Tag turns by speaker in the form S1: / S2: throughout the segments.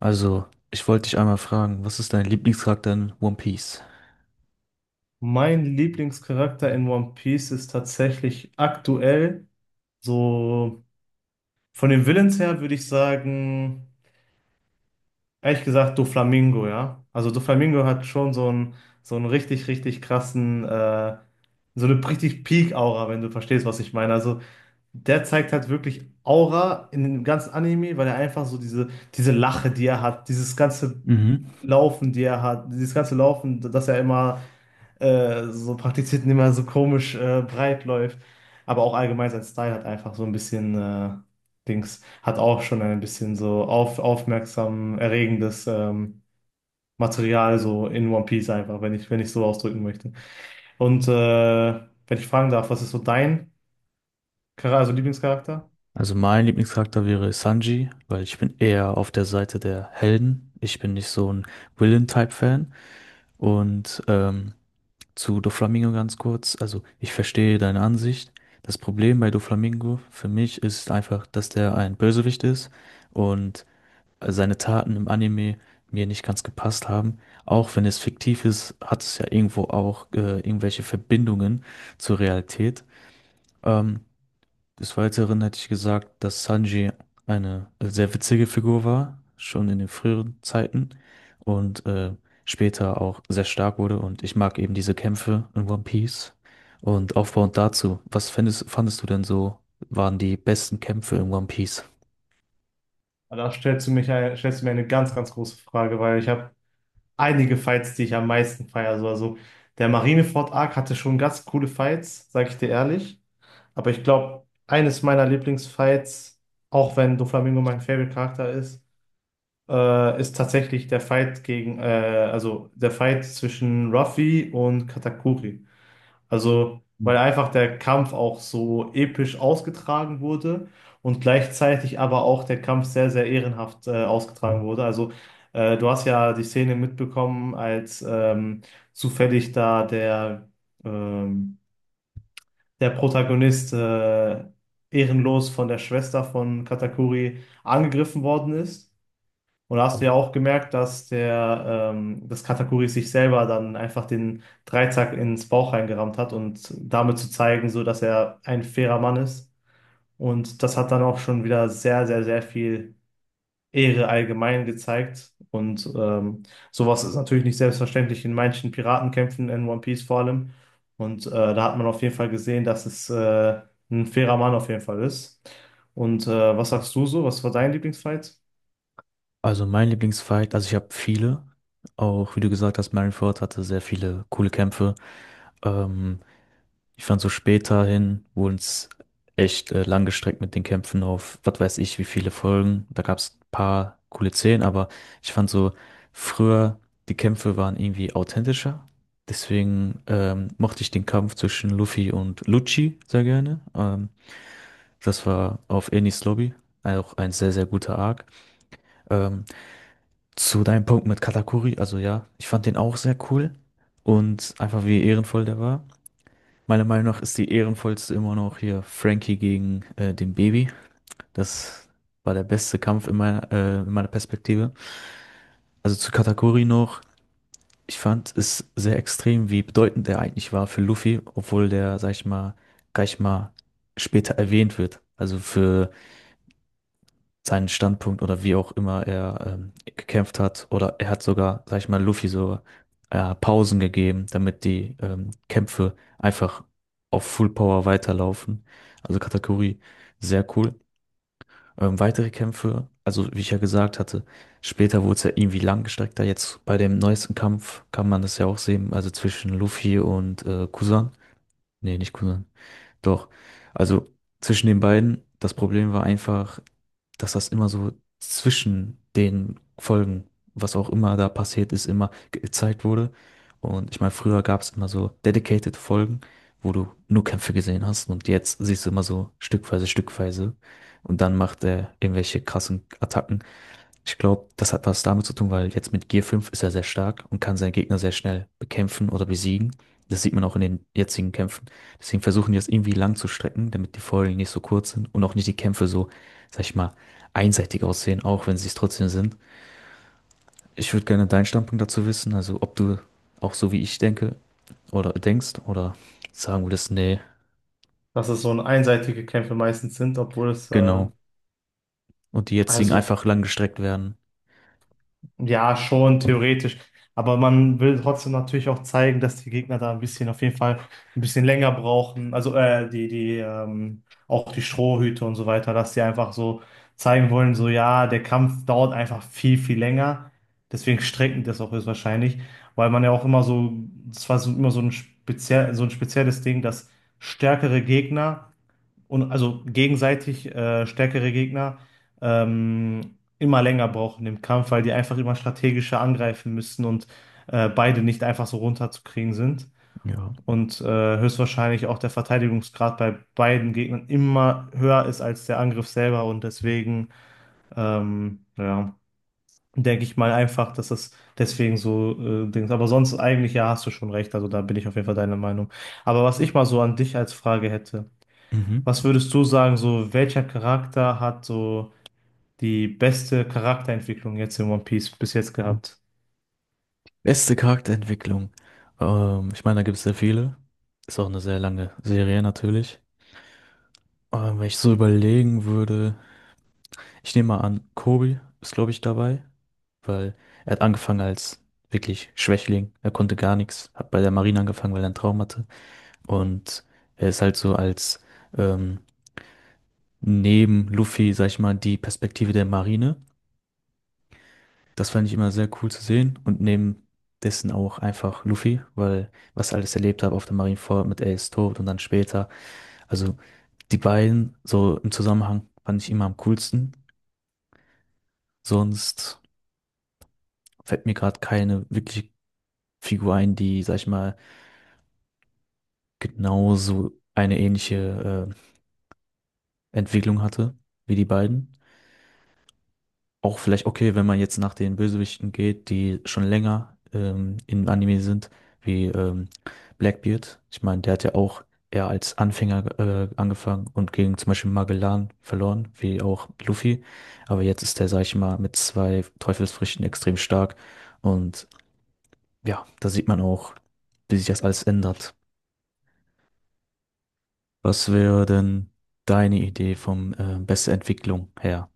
S1: Also, ich wollte dich einmal fragen, was ist dein Lieblingscharakter in One Piece?
S2: Mein Lieblingscharakter in One Piece ist tatsächlich aktuell, so von den Villains her würde ich sagen, ehrlich gesagt, Doflamingo, ja. Also Doflamingo hat schon so einen richtig, richtig krassen, so eine richtig Peak-Aura, wenn du verstehst, was ich meine. Also der zeigt halt wirklich Aura in dem ganzen Anime, weil er einfach so diese, diese Lache, die er hat, dieses ganze
S1: Mhm.
S2: Laufen, die er hat, dieses ganze Laufen, dass er immer so praktizierten, immer so komisch breit läuft. Aber auch allgemein sein Style hat einfach so ein bisschen Dings, hat auch schon ein bisschen so auf, aufmerksam erregendes Material so in One Piece einfach, wenn ich so ausdrücken möchte. Und wenn ich fragen darf, was ist so dein Charakter, also Lieblingscharakter?
S1: Also, mein Lieblingscharakter wäre Sanji, weil ich bin eher auf der Seite der Helden. Ich bin nicht so ein Villain-Type-Fan. Und zu Doflamingo ganz kurz. Also, ich verstehe deine Ansicht. Das Problem bei Doflamingo für mich ist einfach, dass der ein Bösewicht ist. Und seine Taten im Anime mir nicht ganz gepasst haben. Auch wenn es fiktiv ist, hat es ja irgendwo auch irgendwelche Verbindungen zur Realität. Ähm, des Weiteren hätte ich gesagt, dass Sanji eine sehr witzige Figur war, schon in den früheren Zeiten und später auch sehr stark wurde. Und ich mag eben diese Kämpfe in One Piece. Und aufbauend dazu, fandest du denn so, waren die besten Kämpfe in One Piece?
S2: Da stellst du mich, stellst du mir eine ganz, ganz große Frage, weil ich habe einige Fights, die ich am meisten feiere. So, also der Marineford-Arc hatte schon ganz coole Fights, sag ich dir ehrlich. Aber ich glaube, eines meiner Lieblingsfights, auch wenn Doflamingo mein Favorite-Charakter ist, ist tatsächlich der Fight gegen, also der Fight zwischen Ruffy und Katakuri. Also, weil einfach der Kampf auch so episch ausgetragen wurde und gleichzeitig aber auch der Kampf sehr, sehr ehrenhaft ausgetragen wurde. Also, du hast ja die Szene mitbekommen, als zufällig da der, ähm, der Protagonist ehrenlos von der Schwester von Katakuri angegriffen worden ist. Und da hast du ja auch gemerkt, dass der, das Katakuri sich selber dann einfach den Dreizack ins Bauch reingerammt hat und damit zu zeigen, so dass er ein fairer Mann ist. Und das hat dann auch schon wieder sehr, sehr, sehr viel Ehre allgemein gezeigt. Und sowas ist natürlich nicht selbstverständlich in manchen Piratenkämpfen in One Piece vor allem. Und da hat man auf jeden Fall gesehen, dass es ein fairer Mann auf jeden Fall ist. Und was sagst du so? Was war dein Lieblingsfight?
S1: Also mein Lieblingsfight, also ich habe viele, auch wie du gesagt hast, Marineford hatte sehr viele coole Kämpfe. Ähm, ich fand so später hin, wurden es echt lang gestreckt mit den Kämpfen auf, was weiß ich, wie viele Folgen. Da gab es ein paar coole Szenen, aber ich fand so früher, die Kämpfe waren irgendwie authentischer. Deswegen mochte ich den Kampf zwischen Luffy und Lucci sehr gerne. Das war auf Enies Lobby, auch ein sehr, sehr guter Arc. Ähm, zu deinem Punkt mit Katakuri, also ja, ich fand den auch sehr cool und einfach wie ehrenvoll der war. Meiner Meinung nach ist die ehrenvollste immer noch hier Frankie gegen den Baby. Das war der beste Kampf in in meiner Perspektive. Also zu Katakuri noch, ich fand es sehr extrem, wie bedeutend er eigentlich war für Luffy, obwohl der, sag ich mal, gleich mal später erwähnt wird. Also für seinen Standpunkt oder wie auch immer er gekämpft hat. Oder er hat sogar, sag ich mal, Luffy so Pausen gegeben, damit die Kämpfe einfach auf Full Power weiterlaufen. Also Katakuri, sehr cool. Weitere Kämpfe, also wie ich ja gesagt hatte, später wurde es ja irgendwie langgestreckter. Jetzt bei dem neuesten Kampf kann man das ja auch sehen, also zwischen Luffy und Kusan. Nee, nicht Kusan. Doch. Also zwischen den beiden, das Problem war einfach, dass das immer so zwischen den Folgen, was auch immer da passiert ist, immer gezeigt wurde. Und ich meine, früher gab es immer so dedicated Folgen, wo du nur Kämpfe gesehen hast und jetzt siehst du immer so stückweise und dann macht er irgendwelche krassen Attacken. Ich glaube, das hat was damit zu tun, weil jetzt mit Gear 5 ist er sehr stark und kann seinen Gegner sehr schnell bekämpfen oder besiegen. Das sieht man auch in den jetzigen Kämpfen. Deswegen versuchen die das irgendwie lang zu strecken, damit die Folgen nicht so kurz sind und auch nicht die Kämpfe so, sag ich mal, einseitig aussehen, auch wenn sie es trotzdem sind. Ich würde gerne deinen Standpunkt dazu wissen, also ob du auch so wie ich denke oder denkst oder sagen würdest, nee,
S2: Dass es so ein einseitige Kämpfe meistens sind, obwohl es
S1: genau. Und die jetzigen
S2: also.
S1: einfach lang gestreckt werden.
S2: Ja, schon theoretisch. Aber man will trotzdem natürlich auch zeigen, dass die Gegner da ein bisschen, auf jeden Fall ein bisschen länger brauchen. Also auch die Strohhüte und so weiter, dass die einfach so zeigen wollen, so ja, der Kampf dauert einfach viel, viel länger. Deswegen strecken die das auch ist wahrscheinlich, weil man ja auch immer so, es war so immer so ein speziell, so ein spezielles Ding, dass stärkere Gegner und also gegenseitig stärkere Gegner immer länger brauchen im Kampf, weil die einfach immer strategischer angreifen müssen und beide nicht einfach so runterzukriegen sind.
S1: Ja.
S2: Und höchstwahrscheinlich auch der Verteidigungsgrad bei beiden Gegnern immer höher ist als der Angriff selber. Und deswegen, ja, denke ich mal einfach, dass das deswegen so Dings. Aber sonst eigentlich, ja, hast du schon recht. Also da bin ich auf jeden Fall deiner Meinung. Aber was ich mal so an dich als Frage hätte,
S1: Mhm.
S2: was würdest du sagen, so welcher Charakter hat so die beste Charakterentwicklung jetzt in One Piece bis jetzt gehabt?
S1: Beste Charakterentwicklung. Ich meine, da gibt es sehr viele. Ist auch eine sehr lange Serie natürlich. Wenn ich so überlegen würde, ich nehme mal an, Kobe ist, glaube ich, dabei, weil er hat angefangen als wirklich Schwächling. Er konnte gar nichts, hat bei der Marine angefangen, weil er einen Traum hatte. Und er ist halt so als ähm, neben Luffy, sag ich mal, die Perspektive der Marine. Das fand ich immer sehr cool zu sehen und neben dessen auch einfach Luffy, weil was ich alles erlebt habe auf der Marineford mit Ace Tod und dann später. Also die beiden so im Zusammenhang fand ich immer am coolsten. Sonst fällt mir gerade keine wirkliche Figur ein, die, sag ich mal, genauso eine ähnliche Entwicklung hatte wie die beiden. Auch vielleicht okay, wenn man jetzt nach den Bösewichten geht, die schon länger in Anime sind, wie Blackbeard. Ich meine, der hat ja auch eher als Anfänger angefangen und gegen zum Beispiel Magellan verloren, wie auch Luffy. Aber jetzt ist der, sag ich mal, mit zwei Teufelsfrüchten extrem stark. Und ja, da sieht man auch, wie sich das alles ändert. Was wäre denn deine Idee vom beste Entwicklung her?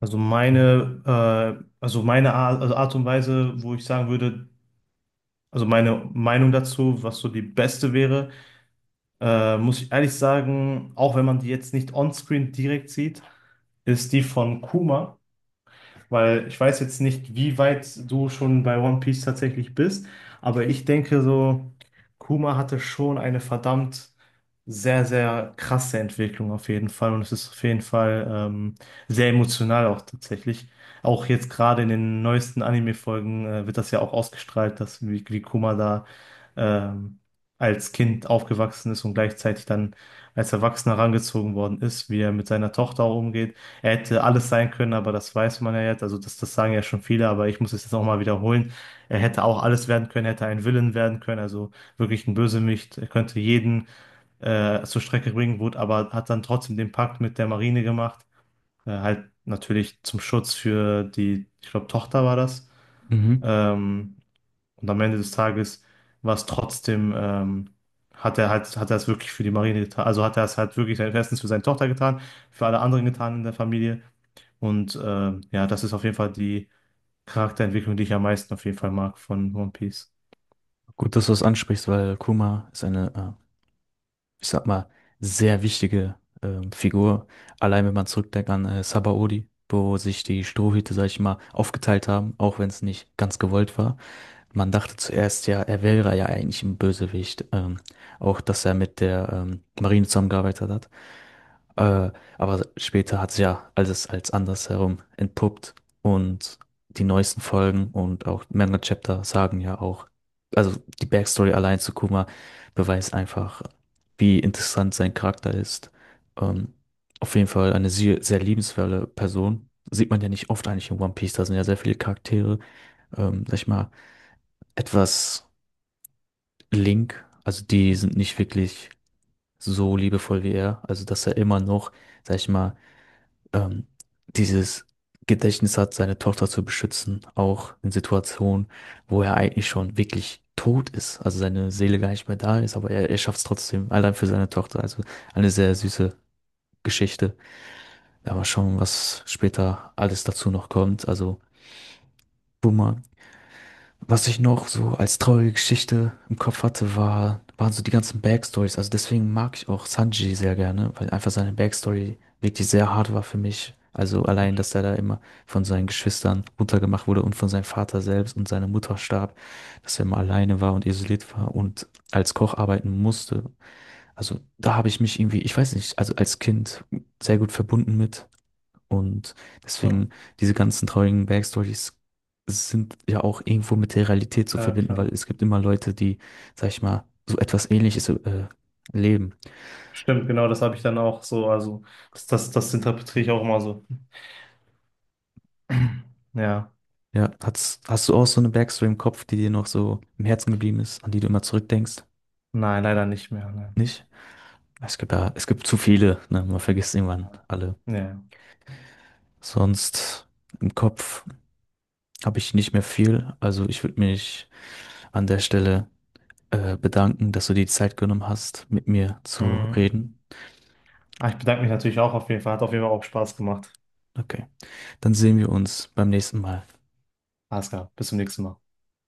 S2: Also meine Art, also Art und Weise, wo ich sagen würde, also meine Meinung dazu, was so die beste wäre, muss ich ehrlich sagen, auch wenn man die jetzt nicht onscreen direkt sieht, ist die von Kuma. Weil ich weiß jetzt nicht, wie weit du schon bei One Piece tatsächlich bist, aber ich denke so, Kuma hatte schon eine verdammt sehr, sehr krasse Entwicklung auf jeden Fall. Und es ist auf jeden Fall sehr emotional auch tatsächlich. Auch jetzt gerade in den neuesten Anime-Folgen wird das ja auch ausgestrahlt, dass wie Kuma da ähm, als Kind aufgewachsen ist und gleichzeitig dann als Erwachsener herangezogen worden ist, wie er mit seiner Tochter auch umgeht hätte alles sein können, aber das weiß man ja jetzt. Also das sagen ja schon viele, aber ich muss es jetzt auch mal wiederholen. Er hätte auch alles werden können, hätte ein Villain werden können, also wirklich ein Bösewicht. Er könnte jeden zur Strecke bringen, wurde, aber hat dann trotzdem den Pakt mit der Marine gemacht. Halt natürlich zum Schutz für die, ich glaube, Tochter war das.
S1: Mhm.
S2: Ähm, und am Ende des Tages war es trotzdem, hat er es wirklich für die Marine getan. Also hat er es halt wirklich erstens für seine Tochter getan, für alle anderen getan in der Familie. Und ja, das ist auf jeden Fall die Charakterentwicklung, die ich am meisten auf jeden Fall mag von One Piece.
S1: Gut, dass du das ansprichst, weil Kuma ist eine ich sag mal, sehr wichtige Figur. Allein wenn man zurückdenkt an Sabaody, wo sich die Strohhüte, sag ich mal, aufgeteilt haben, auch wenn es nicht ganz gewollt war. Man dachte zuerst ja, er wäre ja eigentlich ein Bösewicht. Auch, dass er mit der Marine zusammengearbeitet hat. Äh, aber später hat sich ja alles als andersherum entpuppt und die neuesten Folgen und auch Manga Chapter sagen ja auch, also die Backstory allein zu Kuma beweist einfach, wie interessant sein Charakter ist. Ähm, auf jeden Fall eine sehr, sehr liebenswerte Person. Sieht man ja nicht oft eigentlich in One Piece, da sind ja sehr viele Charaktere, sag ich mal, etwas Link, also die sind nicht wirklich so liebevoll wie er, also dass er immer noch, sag ich mal, ähm, dieses Gedächtnis hat, seine Tochter zu beschützen, auch in Situationen, wo er eigentlich schon wirklich tot ist, also seine Seele gar nicht mehr da ist, aber er schafft es trotzdem, allein für seine Tochter. Also eine sehr süße Geschichte. Ja, mal schauen, was später alles dazu noch kommt. Also Boomer, was ich noch so als traurige Geschichte im Kopf hatte, waren so die ganzen Backstories. Also deswegen mag ich auch Sanji sehr gerne, weil einfach seine Backstory wirklich sehr hart war für mich. Also allein, dass er da immer von seinen Geschwistern runtergemacht wurde und von seinem Vater selbst und seiner Mutter starb, dass er immer alleine war und isoliert war und als Koch arbeiten musste. Also da habe ich mich irgendwie, ich weiß nicht, also als Kind sehr gut verbunden mit. Und
S2: Ja,
S1: deswegen, diese ganzen traurigen Backstories sind ja auch irgendwo mit der Realität zu
S2: ja,
S1: verbinden, weil
S2: klar.
S1: es gibt immer Leute, die, sag ich mal, so etwas Ähnliches leben.
S2: Stimmt, genau, das habe ich dann auch so, also das interpretiere ich auch immer so. Ja,
S1: Ja, hast du auch so eine Backstory im Kopf, die dir noch so im Herzen geblieben ist, an die du immer zurückdenkst?
S2: nein, leider nicht mehr. Nein.
S1: Nicht? Es gibt ja, es gibt zu viele, ne? Man vergisst irgendwann alle.
S2: Ja.
S1: Sonst im Kopf habe ich nicht mehr viel. Also ich würde mich an der Stelle bedanken, dass du dir die Zeit genommen hast, mit mir zu
S2: Mhm.
S1: reden.
S2: Ah, ich bedanke mich natürlich auch auf jeden Fall. Hat auf jeden Fall auch Spaß gemacht.
S1: Okay. Dann sehen wir uns beim nächsten Mal.
S2: Alles klar, bis zum nächsten Mal.